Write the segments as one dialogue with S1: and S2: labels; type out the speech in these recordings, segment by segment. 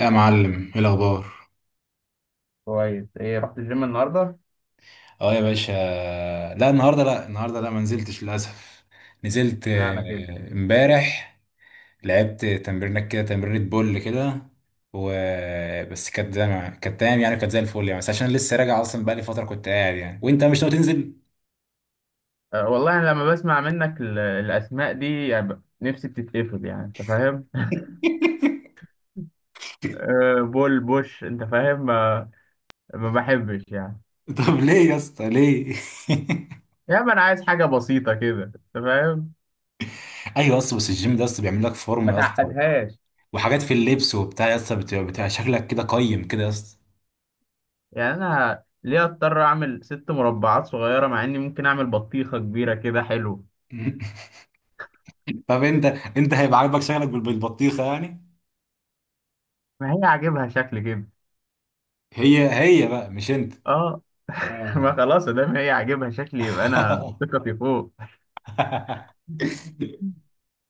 S1: يا معلم، ايه الاخبار؟
S2: كويس. ايه، رحت الجيم النهارده؟
S1: اه يا باشا. لا النهارده، لا النهارده لا ما نزلتش للاسف. نزلت
S2: اشمعنى كده؟
S1: امبارح. لعبت تمرينك كده، تمرينة بول كده. و بس كانت زي ما- كانت تمام يعني، كانت زي الفل يعني، بس عشان لسه راجع اصلا، بقالي فتره كنت قاعد يعني. وانت مش ناوي تنزل؟
S2: أه والله، أنا لما بسمع منك الأسماء دي، يعني نفسي بتتقفل، يعني أنت فاهم؟ أه، بول بوش، أنت فاهم؟ ما بحبش يعني.
S1: طب ليه يا اسطى، ليه؟
S2: يعني أنا عايز حاجة بسيطة كده، أنت فاهم؟
S1: ايوه، اصل بس الجيم ده اصلا بيعمل لك
S2: ما
S1: فورمه يا اسطى،
S2: تعقدهاش.
S1: وحاجات في اللبس وبتاع يا اسطى، بتبقى شكلك كده قيم كده يا اسطى.
S2: يعني أنا ليه أضطر أعمل ست مربعات صغيرة مع إني ممكن أعمل بطيخة كبيرة كده؟ حلو.
S1: طب انت، هيبقى عاجبك شكلك بالبطيخه يعني؟
S2: ما هي عاجبها شكل كده.
S1: هي هي بقى مش انت.
S2: أه. ما
S1: اه.
S2: خلاص، ده ما هي عاجبها شكل، يبقى أنا ثقتي فوق.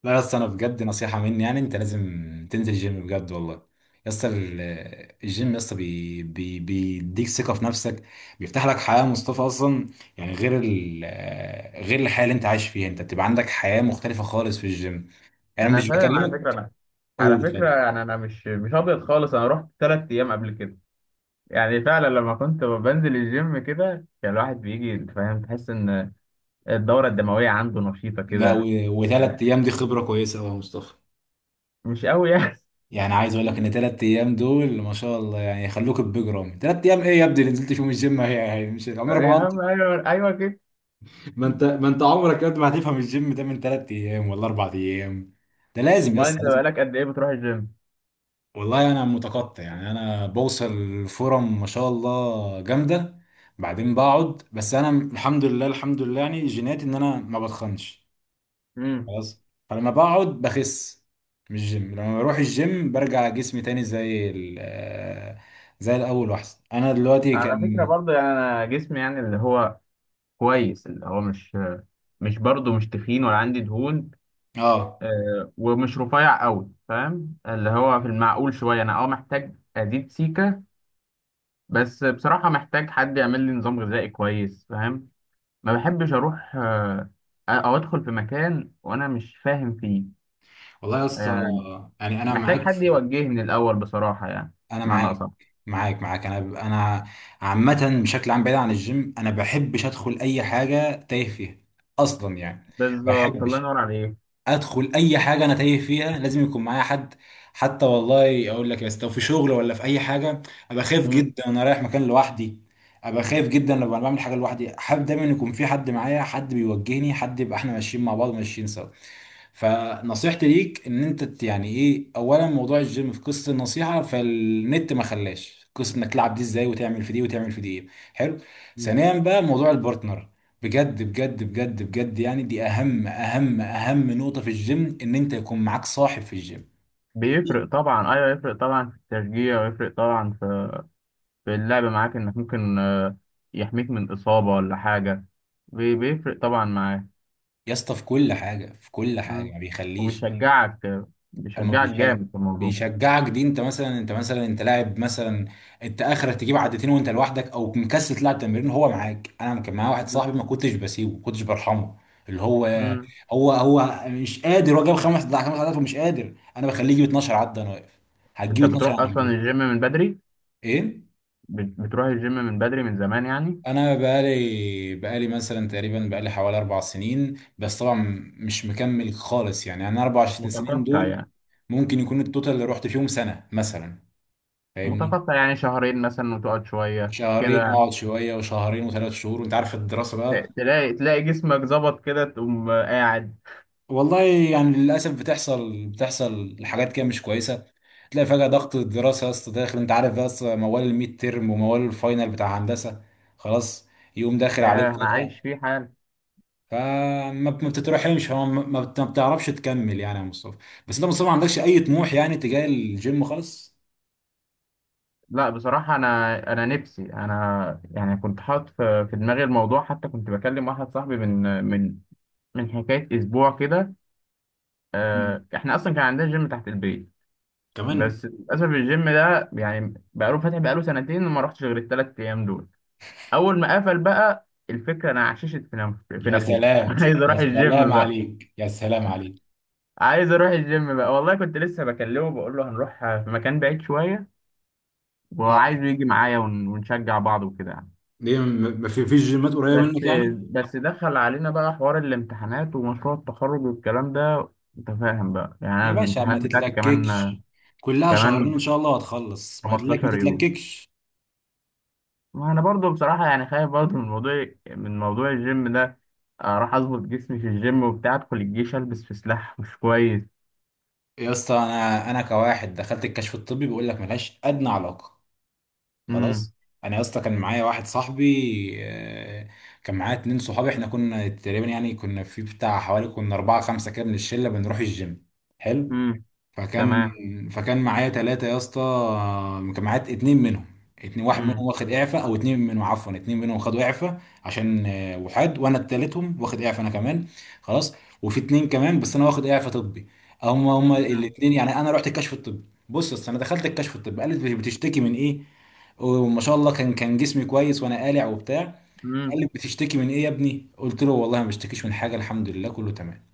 S1: لا يا اسطى، انا بجد نصيحه مني يعني، انت لازم تنزل الجيم بجد والله. يا اسطى، الجيم يا اسطى بيديك ثقه في نفسك، بيفتح لك حياه مصطفى اصلا. يعني غير الحياه اللي انت عايش فيها، انت بتبقى عندك حياه مختلفه خالص في الجيم. انا
S2: انا
S1: مش
S2: فاهم على
S1: بكلمك.
S2: فكره، انا.
S1: قول،
S2: على
S1: اتفضل.
S2: فكره انا مش ابيض خالص. انا رحت 3 ايام قبل كده. يعني فعلا لما كنت بنزل الجيم كده، كان الواحد بيجي، أنت فاهم، تحس ان الدوره الدمويه عنده نشيطه
S1: لا،
S2: كده.
S1: وثلاث ايام دي خبره كويسه قوي يا مصطفى.
S2: مش قوي يعني.
S1: يعني عايز اقول لك ان تلات ايام دول ما شاء الله يعني يخلوك بجرام. تلات ايام ايه يا ابني اللي نزلت فيهم الجيم؟ هي هي مش عمرك
S2: يا
S1: ما انت.
S2: عم، ايوه، ايوه كده.
S1: ما انت عمرك يا ابني ما هتفهم الجيم ده من تلات ايام ولا اربع ايام. ده لازم يا
S2: ما
S1: اسطى،
S2: انت
S1: لازم.
S2: بقالك قد ايه بتروح الجيم؟
S1: والله انا متقطع يعني، انا بوصل فرم ما شاء الله جامده، بعدين بقعد. بس انا الحمد لله، الحمد لله يعني جيناتي ان انا ما بتخنش.
S2: امم.
S1: خلاص، فلما بقعد بخس. مش جيم، لما بروح الجيم برجع جسمي تاني زي زي الاول واحسن. انا دلوقتي
S2: على فكره
S1: كان.
S2: برضه، يعني انا جسمي يعني اللي هو كويس، اللي هو مش برضه، مش تخين ولا عندي دهون.
S1: اه.
S2: ومش رفيع قوي، فاهم؟ اللي هو في المعقول شويه، انا محتاج ازيد سيكه. بس بصراحه محتاج حد يعمل لي نظام غذائي كويس، فاهم؟ ما بحبش اروح، او ادخل في مكان وانا مش فاهم فيه،
S1: والله يا اسطى
S2: يعني.
S1: يعني انا
S2: محتاج
S1: معاك
S2: حد
S1: في...
S2: يوجهني الاول بصراحه، يعني
S1: انا
S2: معنى
S1: معاك.
S2: اصح.
S1: معاك انا عامه بشكل عام، بعيد عن الجيم، انا بحبش ادخل اي حاجه تايه فيها اصلا يعني.
S2: بالظبط، الله
S1: بحبش
S2: ينور عليك.
S1: ادخل اي حاجه انا تايه فيها، لازم يكون معايا حد. حتى والله اقول لك، بس لو في شغل ولا في اي حاجه، ابقى خايف
S2: مم.
S1: جدا انا رايح مكان لوحدي. ابقى خايف جدا لما أنا بعمل حاجه لوحدي، حابب دايما يكون في حد معايا، حد بيوجهني، حد يبقى احنا ماشيين مع بعض، ماشيين سوا. فنصيحتي ليك ان انت يعني ايه، اولا موضوع الجيم في قصه النصيحه فالنت ما خلاش، قصه انك تلعب دي ازاي وتعمل في دي وتعمل في دي ايه. حلو.
S2: مم.
S1: ثانيا بقى موضوع البارتنر، بجد بجد بجد بجد يعني، دي اهم اهم اهم نقطة في الجيم، ان انت يكون معاك صاحب في الجيم.
S2: بيفرق طبعا، ايوه، يفرق طبعا في التشجيع، ويفرق طبعا في اللعب معاك، انك ممكن يحميك من اصابه ولا حاجه. بيفرق طبعا معاك.
S1: يا اسطى في كل حاجة، في كل حاجة
S2: مم.
S1: ما بيخليش.
S2: وبيشجعك.
S1: اما
S2: بيشجعك
S1: بيشا-
S2: جامد في الموضوع.
S1: بيشجعك دي. انت مثلا، انت لاعب مثلا، انت اخرك تجيب عدتين وانت لوحدك او مكسل تلعب تمرين، هو معاك. انا كان معايا واحد
S2: مم.
S1: صاحبي ما كنتش بسيبه، ما كنتش برحمه. اللي هو
S2: مم.
S1: هو مش قادر، هو جاب خمس خمس عدات ومش قادر، انا بخليه يجيب 12 عدة، انا واقف. هتجيب
S2: انت
S1: 12،
S2: بتروح
S1: انا
S2: اصلا
S1: هتجيب اتناشر.
S2: الجيم من بدري؟
S1: ايه.
S2: بتروح الجيم من بدري من زمان يعني؟
S1: انا بقالي مثلا تقريبا، بقالي حوالي اربع سنين، بس طبعا مش مكمل خالص يعني. انا اربع سنين
S2: متقطع
S1: دول
S2: يعني.
S1: ممكن يكون التوتال اللي رحت فيهم سنه مثلا، فاهمني.
S2: متقطع يعني شهرين مثلا، وتقعد شوية
S1: شهرين
S2: كده.
S1: واقعد شويه، وشهرين، وثلاث شهور، وانت عارف الدراسه
S2: ت-
S1: بقى.
S2: تلاقي تلاقي جسمك ظبط كده، تقوم قاعد.
S1: والله يعني للاسف بتحصل،
S2: مم.
S1: حاجات كده مش كويسه. تلاقي فجاه ضغط الدراسه يا اسطى داخل، انت عارف بقى، أصل موال الميد تيرم وموال الفاينل بتاع هندسه. خلاص، يقوم داخل
S2: ياه،
S1: عليك
S2: انا عايش
S1: فجاه.
S2: فيه حال.
S1: فما ما بتترحمش، هو ما بتعرفش تكمل يعني يا مصطفى. بس انت يا مصطفى ما عندكش اي طموح يعني تجاه الجيم خالص؟
S2: لا بصراحة، انا نفسي انا، يعني كنت حاطط في دماغي الموضوع، حتى كنت بكلم واحد صاحبي من، من حكاية اسبوع كده.
S1: مم.
S2: احنا اصلا كان عندنا جيم تحت البيت.
S1: كمان.
S2: بس للاسف الجيم ده يعني بقاله فاتح، بقاله سنتين، وما رحتش غير الثلاث ايام دول. اول ما قفل بقى الفكره، انا عششت في في
S1: يا
S2: نافوخ.
S1: سلام،
S2: عايز اروح الجيم بقى.
S1: يا سلام عليك.
S2: عايز اروح الجيم بقى والله، كنت لسه بكلمه بقول له هنروح في مكان بعيد شويه،
S1: اه،
S2: وعايزه يجي معايا ونشجع بعض وكده يعني.
S1: ليه ما في فيش جيمات قريبه منك
S2: بس
S1: يعني؟
S2: بس دخل علينا بقى حوار الامتحانات ومشروع التخرج والكلام ده. انت فاهم بقى، يعني انا
S1: يا باشا ما
S2: الامتحانات بتاعتي كمان،
S1: تتلككش، كلها شهرين ان
S2: كمان
S1: شاء الله وهتخلص، ما تلك، ما
S2: 15 يوم.
S1: تتلككش.
S2: ما انا برضو بصراحه يعني خايف برضو من موضوع الجيم ده. اروح اظبط جسمي في الجيم وبتاع، ادخل الجيش البس في سلاح، مش كويس.
S1: يا اسطى انا، كواحد دخلت الكشف الطبي، بيقول لك ملهاش ادنى علاقه.
S2: امم.
S1: خلاص. انا يا اسطى كان معايا واحد صاحبي آه، كان معايا اتنين صحابي، احنا كنا تقريبا يعني كنا في بتاع حوالي كنا اربعة خمسة كده من الشلة بنروح الجيم. حلو.
S2: امم.
S1: فكان،
S2: تمام.
S1: فكان معايا ثلاثة يا اسطى، كان معايا اتنين منهم. اتنين واحد منهم
S2: امم.
S1: واخد اعفاء، او اتنين منهم عفوا، اتنين منهم خدوا اعفاء عشان وحاد. وانا التالتهم، واخد اعفاء انا كمان. خلاص، وفي اتنين كمان، بس انا واخد اعفاء طبي. هم
S2: امم.
S1: الاتنين يعني. انا رحت الكشف الطبي، بص يا اسطى، انا دخلت الكشف الطبي، قالت بتشتكي من ايه. وما شاء الله كان، كان جسمي كويس وانا قالع وبتاع. قال
S2: امم.
S1: لي بتشتكي من ايه يا ابني، قلت له والله ما بشتكيش من حاجه، الحمد لله كله تمام.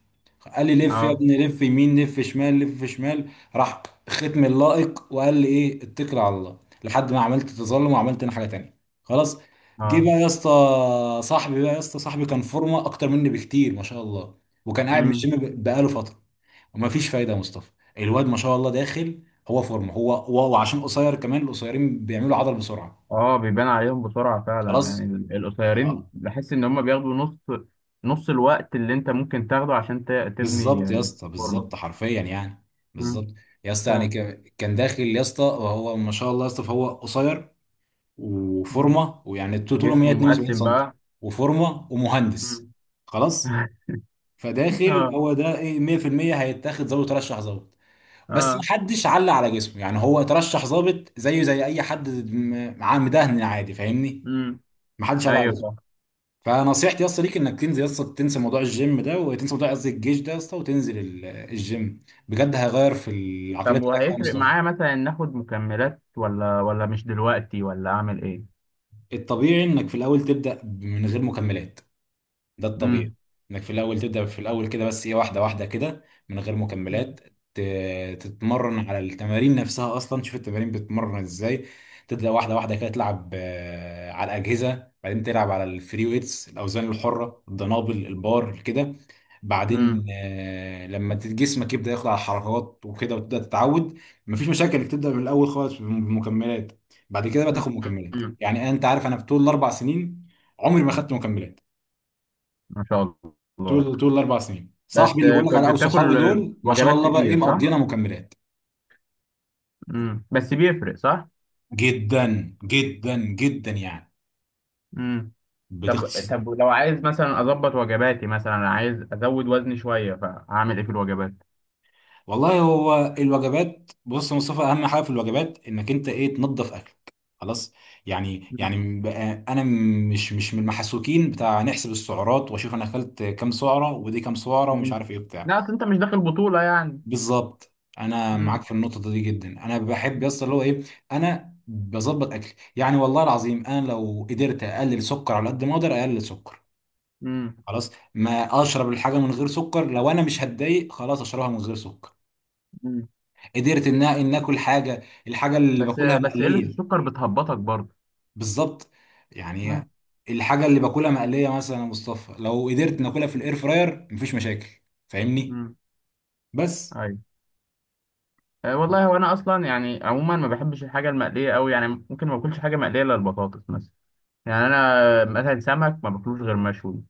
S1: قال لي لف يا
S2: اه.
S1: ابني، لف يمين، لف شمال، لف شمال. راح ختم اللائق وقال لي ايه، اتكل على الله. لحد ما عملت تظلم وعملت انا حاجه تانية، خلاص. جه
S2: اه.
S1: بقى يا اسطى صاحبي بقى، يا اسطى صاحبي كان فورمه اكتر مني بكتير ما شاء الله، وكان قاعد من
S2: امم.
S1: الجيم بقاله فتره. ومفيش فايده يا مصطفى، الواد ما شاء الله داخل. هو فورمه، وعشان قصير كمان، القصيرين بيعملوا عضل بسرعه.
S2: اه، بيبان عليهم بسرعه فعلا، يعني
S1: خلاص.
S2: القصيرين بحس ان هم بياخدوا نص، نص الوقت اللي انت ممكن تاخده عشان تبني
S1: بالظبط يا اسطى،
S2: فورمه.
S1: بالظبط حرفيا يعني.
S2: امم،
S1: بالظبط. يا اسطى يعني
S2: فعلا.
S1: كان داخل يا اسطى، وهو ما شاء الله يا اسطى، فهو قصير
S2: مم.
S1: وفورمه ويعني طوله
S2: جسمه
S1: 172
S2: مقسم
S1: سم،
S2: بقى.
S1: وفورمه ومهندس.
S2: امم.
S1: خلاص، فداخل
S2: اه.
S1: هو ده ايه 100%، هيتاخد ضابط، ترشح ضابط. بس ما
S2: اه.
S1: حدش علق على جسمه يعني، هو ترشح ضابط زيه زي اي حد معاه مدهن عادي، فاهمني.
S2: امم.
S1: ما حدش علق على.
S2: ايوه.
S1: فنصيحتي يا اسطى ليك انك تنزل يا اسطى، تنسى موضوع الجيم ده، وتنسى موضوع قصدي الجيش ده يا اسطى، وتنزل الجيم بجد، هيغير في العقليه
S2: طب،
S1: بتاعتك يا
S2: وهيفرق
S1: مصطفى.
S2: معايا مثلا ناخد مكملات، ولا مش دلوقتي، ولا اعمل ايه؟
S1: الطبيعي انك في الاول تبدا من غير مكملات، ده الطبيعي.
S2: امم.
S1: انك في الاول تبدا، في الاول كده بس ايه، واحده واحده كده، من غير مكملات. تتمرن على التمارين نفسها اصلا، تشوف التمارين بتتمرن ازاي. تبدا واحده واحده كده، تلعب على الاجهزه، بعدين تلعب على الفري ويتس، الاوزان الحره، الدنابل، البار كده. بعدين
S2: امم.
S1: لما جسمك يبدا ياخد على الحركات وكده وتبدا تتعود. مفيش مشاكل انك تبدا من الاول خالص بالمكملات. بعد كده بقى تاخد مكملات. يعني انت عارف انا في طول الاربع سنين عمري ما خدت مكملات.
S2: ما شاء الله.
S1: طول الاربع سنين،
S2: بس
S1: صاحبي اللي بقول لك
S2: كنت
S1: عليه او صحابي
S2: بتاكل
S1: دول ما شاء
S2: وجبات
S1: الله بقى ايه،
S2: كتير، صح؟
S1: مقضينا مكملات.
S2: امم، بس بيفرق، صح.
S1: جدا جدا جدا يعني.
S2: امم. طب
S1: بتختص.
S2: طب لو عايز مثلا اظبط وجباتي، مثلا عايز ازود وزني شويه، فاعمل ايه في الوجبات؟
S1: والله هو الوجبات، بص يا مصطفى، اهم حاجه في الوجبات انك انت ايه، تنظف اكلك. خلاص. يعني
S2: مم.
S1: بقى انا مش من المحسوكين بتاع نحسب السعرات واشوف انا اكلت كام سعره ودي كام سعره ومش
S2: مم.
S1: عارف ايه بتاع.
S2: لا اصل انت مش داخل بطوله يعني.
S1: بالظبط. انا
S2: مم.
S1: معاك في النقطه دي جدا. انا بحب يس
S2: مم.
S1: اللي هو ايه، انا بظبط اكلي يعني. والله العظيم انا لو قدرت اقلل سكر على قد ما اقدر اقلل سكر،
S2: مم.
S1: خلاص. ما اشرب الحاجه من غير سكر، لو انا مش هتضايق خلاص اشربها من غير سكر.
S2: مم.
S1: قدرت ان اكل حاجه، الحاجه اللي
S2: بس
S1: باكلها
S2: بس قله
S1: مقليه.
S2: السكر بتهبطك برضه.
S1: بالظبط يعني.
S2: مم.
S1: الحاجه اللي باكلها مقليه مثلا يا مصطفى، لو قدرت ناكلها في الاير فراير مفيش مشاكل، فاهمني.
S2: مم.
S1: بس.
S2: ايوه. أه والله، هو انا اصلا يعني عموما ما بحبش الحاجه المقليه قوي يعني، ممكن ما باكلش حاجه مقليه الا البطاطس مثلا. يعني انا مثلا سمك ما باكلوش غير مشوي.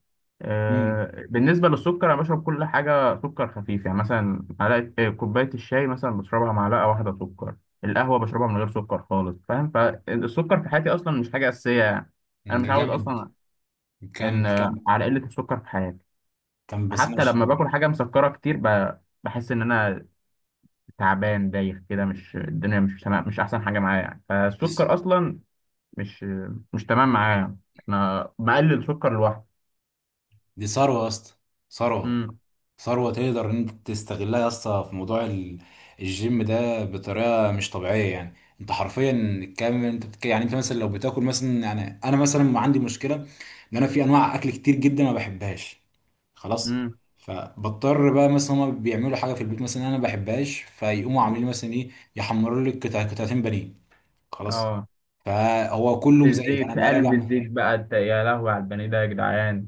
S1: امم،
S2: أه، بالنسبه للسكر، انا بشرب كل حاجه سكر خفيف، يعني مثلا معلقه، كوبايه الشاي مثلا بشربها معلقه واحده سكر. القهوه بشربها من غير سكر خالص، فاهم؟ فالسكر في حياتي اصلا مش حاجه اساسيه يعني. انا
S1: ده
S2: متعود
S1: جامد.
S2: اصلا، ان
S1: كمل، كمل
S2: على قله السكر في حياتي.
S1: كمل بس
S2: حتى
S1: ماشي.
S2: لما باكل حاجه مسكره كتير، بحس ان انا تعبان، دايخ كده، مش الدنيا مش تمام، مش احسن حاجه معايا يعني.
S1: دي س-
S2: فالسكر اصلا مش مش تمام معايا يعني. انا مقلل سكر لوحده.
S1: دي ثروة يا اسطى، ثروة.
S2: امم.
S1: ثروة تقدر ان انت تستغلها يا اسطى في موضوع الجيم ده بطريقة مش طبيعية يعني. انت حرفيا الكم انت بتك... يعني انت مثلا لو بتاكل مثلا، يعني انا مثلا عندي مشكلة، ان انا في انواع اكل كتير جدا ما بحبهاش. خلاص،
S2: امم.
S1: فبضطر بقى مثلا، هما بيعملوا حاجة في البيت مثلا انا ما بحبهاش، فيقوموا عاملين لي مثلا ايه، يحمروا لي قطعتين بانيه. خلاص.
S2: اه.
S1: فهو كله
S2: في
S1: مزيت،
S2: الزيت،
S1: انا
S2: في
S1: بقى راجع.
S2: قلب الزيت بقى، انت يا لهوي على البني ده يا جدعان!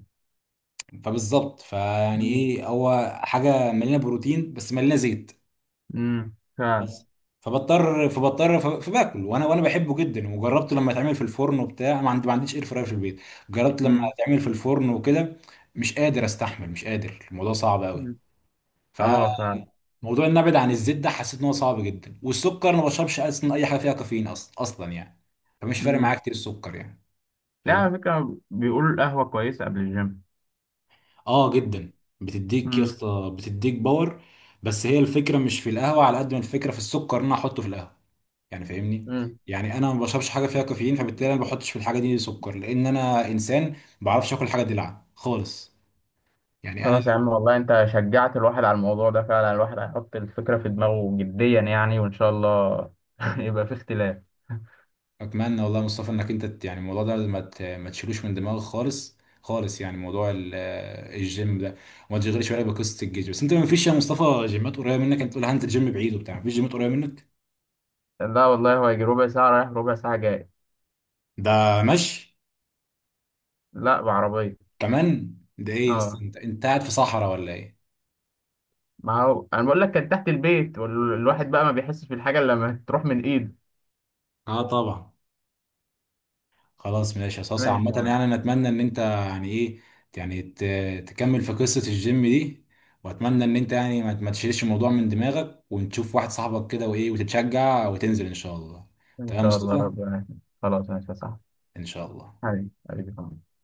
S1: فبالظبط، فيعني
S2: امم.
S1: ايه، هو حاجه مليانه بروتين بس مليانه زيت.
S2: امم، فعلا.
S1: خلاص. فبضطر، فباكل. وانا بحبه جدا، وجربته لما يتعمل في الفرن وبتاع، ما عندي، ما عنديش اير فراير في البيت. جربت لما
S2: امم.
S1: يتعمل في الفرن وكده، مش قادر استحمل، مش قادر الموضوع صعب قوي.
S2: أمم. اه،
S1: فموضوع
S2: فعلا.
S1: ان ابعد عن الزيت ده حسيت ان هو صعب جدا. والسكر انا ما بشربش اصلا اي حاجه فيها كافيين، اصلا يعني. فمش فارق معايا
S2: امم.
S1: كتير السكر يعني.
S2: لا، على فكره بيقولوا القهوه كويسه قبل الجيم.
S1: اه جدا. بتديك يا
S2: امم.
S1: اسطى، بتديك باور. بس هي الفكره مش في القهوه على قد ما الفكره في السكر اللي انا احطه في القهوه، يعني فاهمني.
S2: امم.
S1: يعني انا ما بشربش حاجه فيها كافيين، فبالتالي انا ما بحطش في الحاجه دي سكر، لان انا انسان ما بعرفش اكل حاجه دلع خالص، يعني انا
S2: خلاص يا
S1: لو.
S2: عم، والله انت شجعت الواحد على الموضوع ده فعلا، الواحد هيحط الفكرة في دماغه جديا يعني، وان شاء الله يبقى في اختلاف.
S1: اتمنى والله يا مصطفى انك انت يعني الموضوع ده ما ما تشيلوش من دماغك خالص، خالص يعني، موضوع الجيم ده، وما تشغلش بالك بقصه الجيش. بس انت ما فيش يا مصطفى جيمات قريبه منك؟ انت تقول هنزل جيم بعيد وبتاع، ما فيش جيمات قريبه منك.
S2: لا والله، هو يجي ربع ساعة رايح، ربع ساعة جاي.
S1: ده ماشي،
S2: لا، بعربية.
S1: كمان ده ايه يا اسطى،
S2: اه،
S1: انت قاعد في صحراء ولا ايه؟
S2: ما هو انا بقول لك كان تحت البيت، والواحد بقى ما بيحسش بالحاجة الا لما تروح من ايده.
S1: اه طبعا. خلاص ماشي يا صاصة،
S2: ماشي
S1: عامة
S2: يا معلم.
S1: يعني انا اتمنى ان انت يعني ايه، يعني تكمل في قصة الجيم دي. واتمنى ان انت يعني ما تشيلش الموضوع من دماغك، ونشوف واحد صاحبك كده وايه، وتتشجع وتنزل ان شاء الله.
S2: ان
S1: تمام يا
S2: شاء الله
S1: مصطفى،
S2: ربنا يكرمك. خلاص، ماشي يا صاحبي.
S1: ان شاء الله.
S2: حبيبي، حبيبي. خلاص.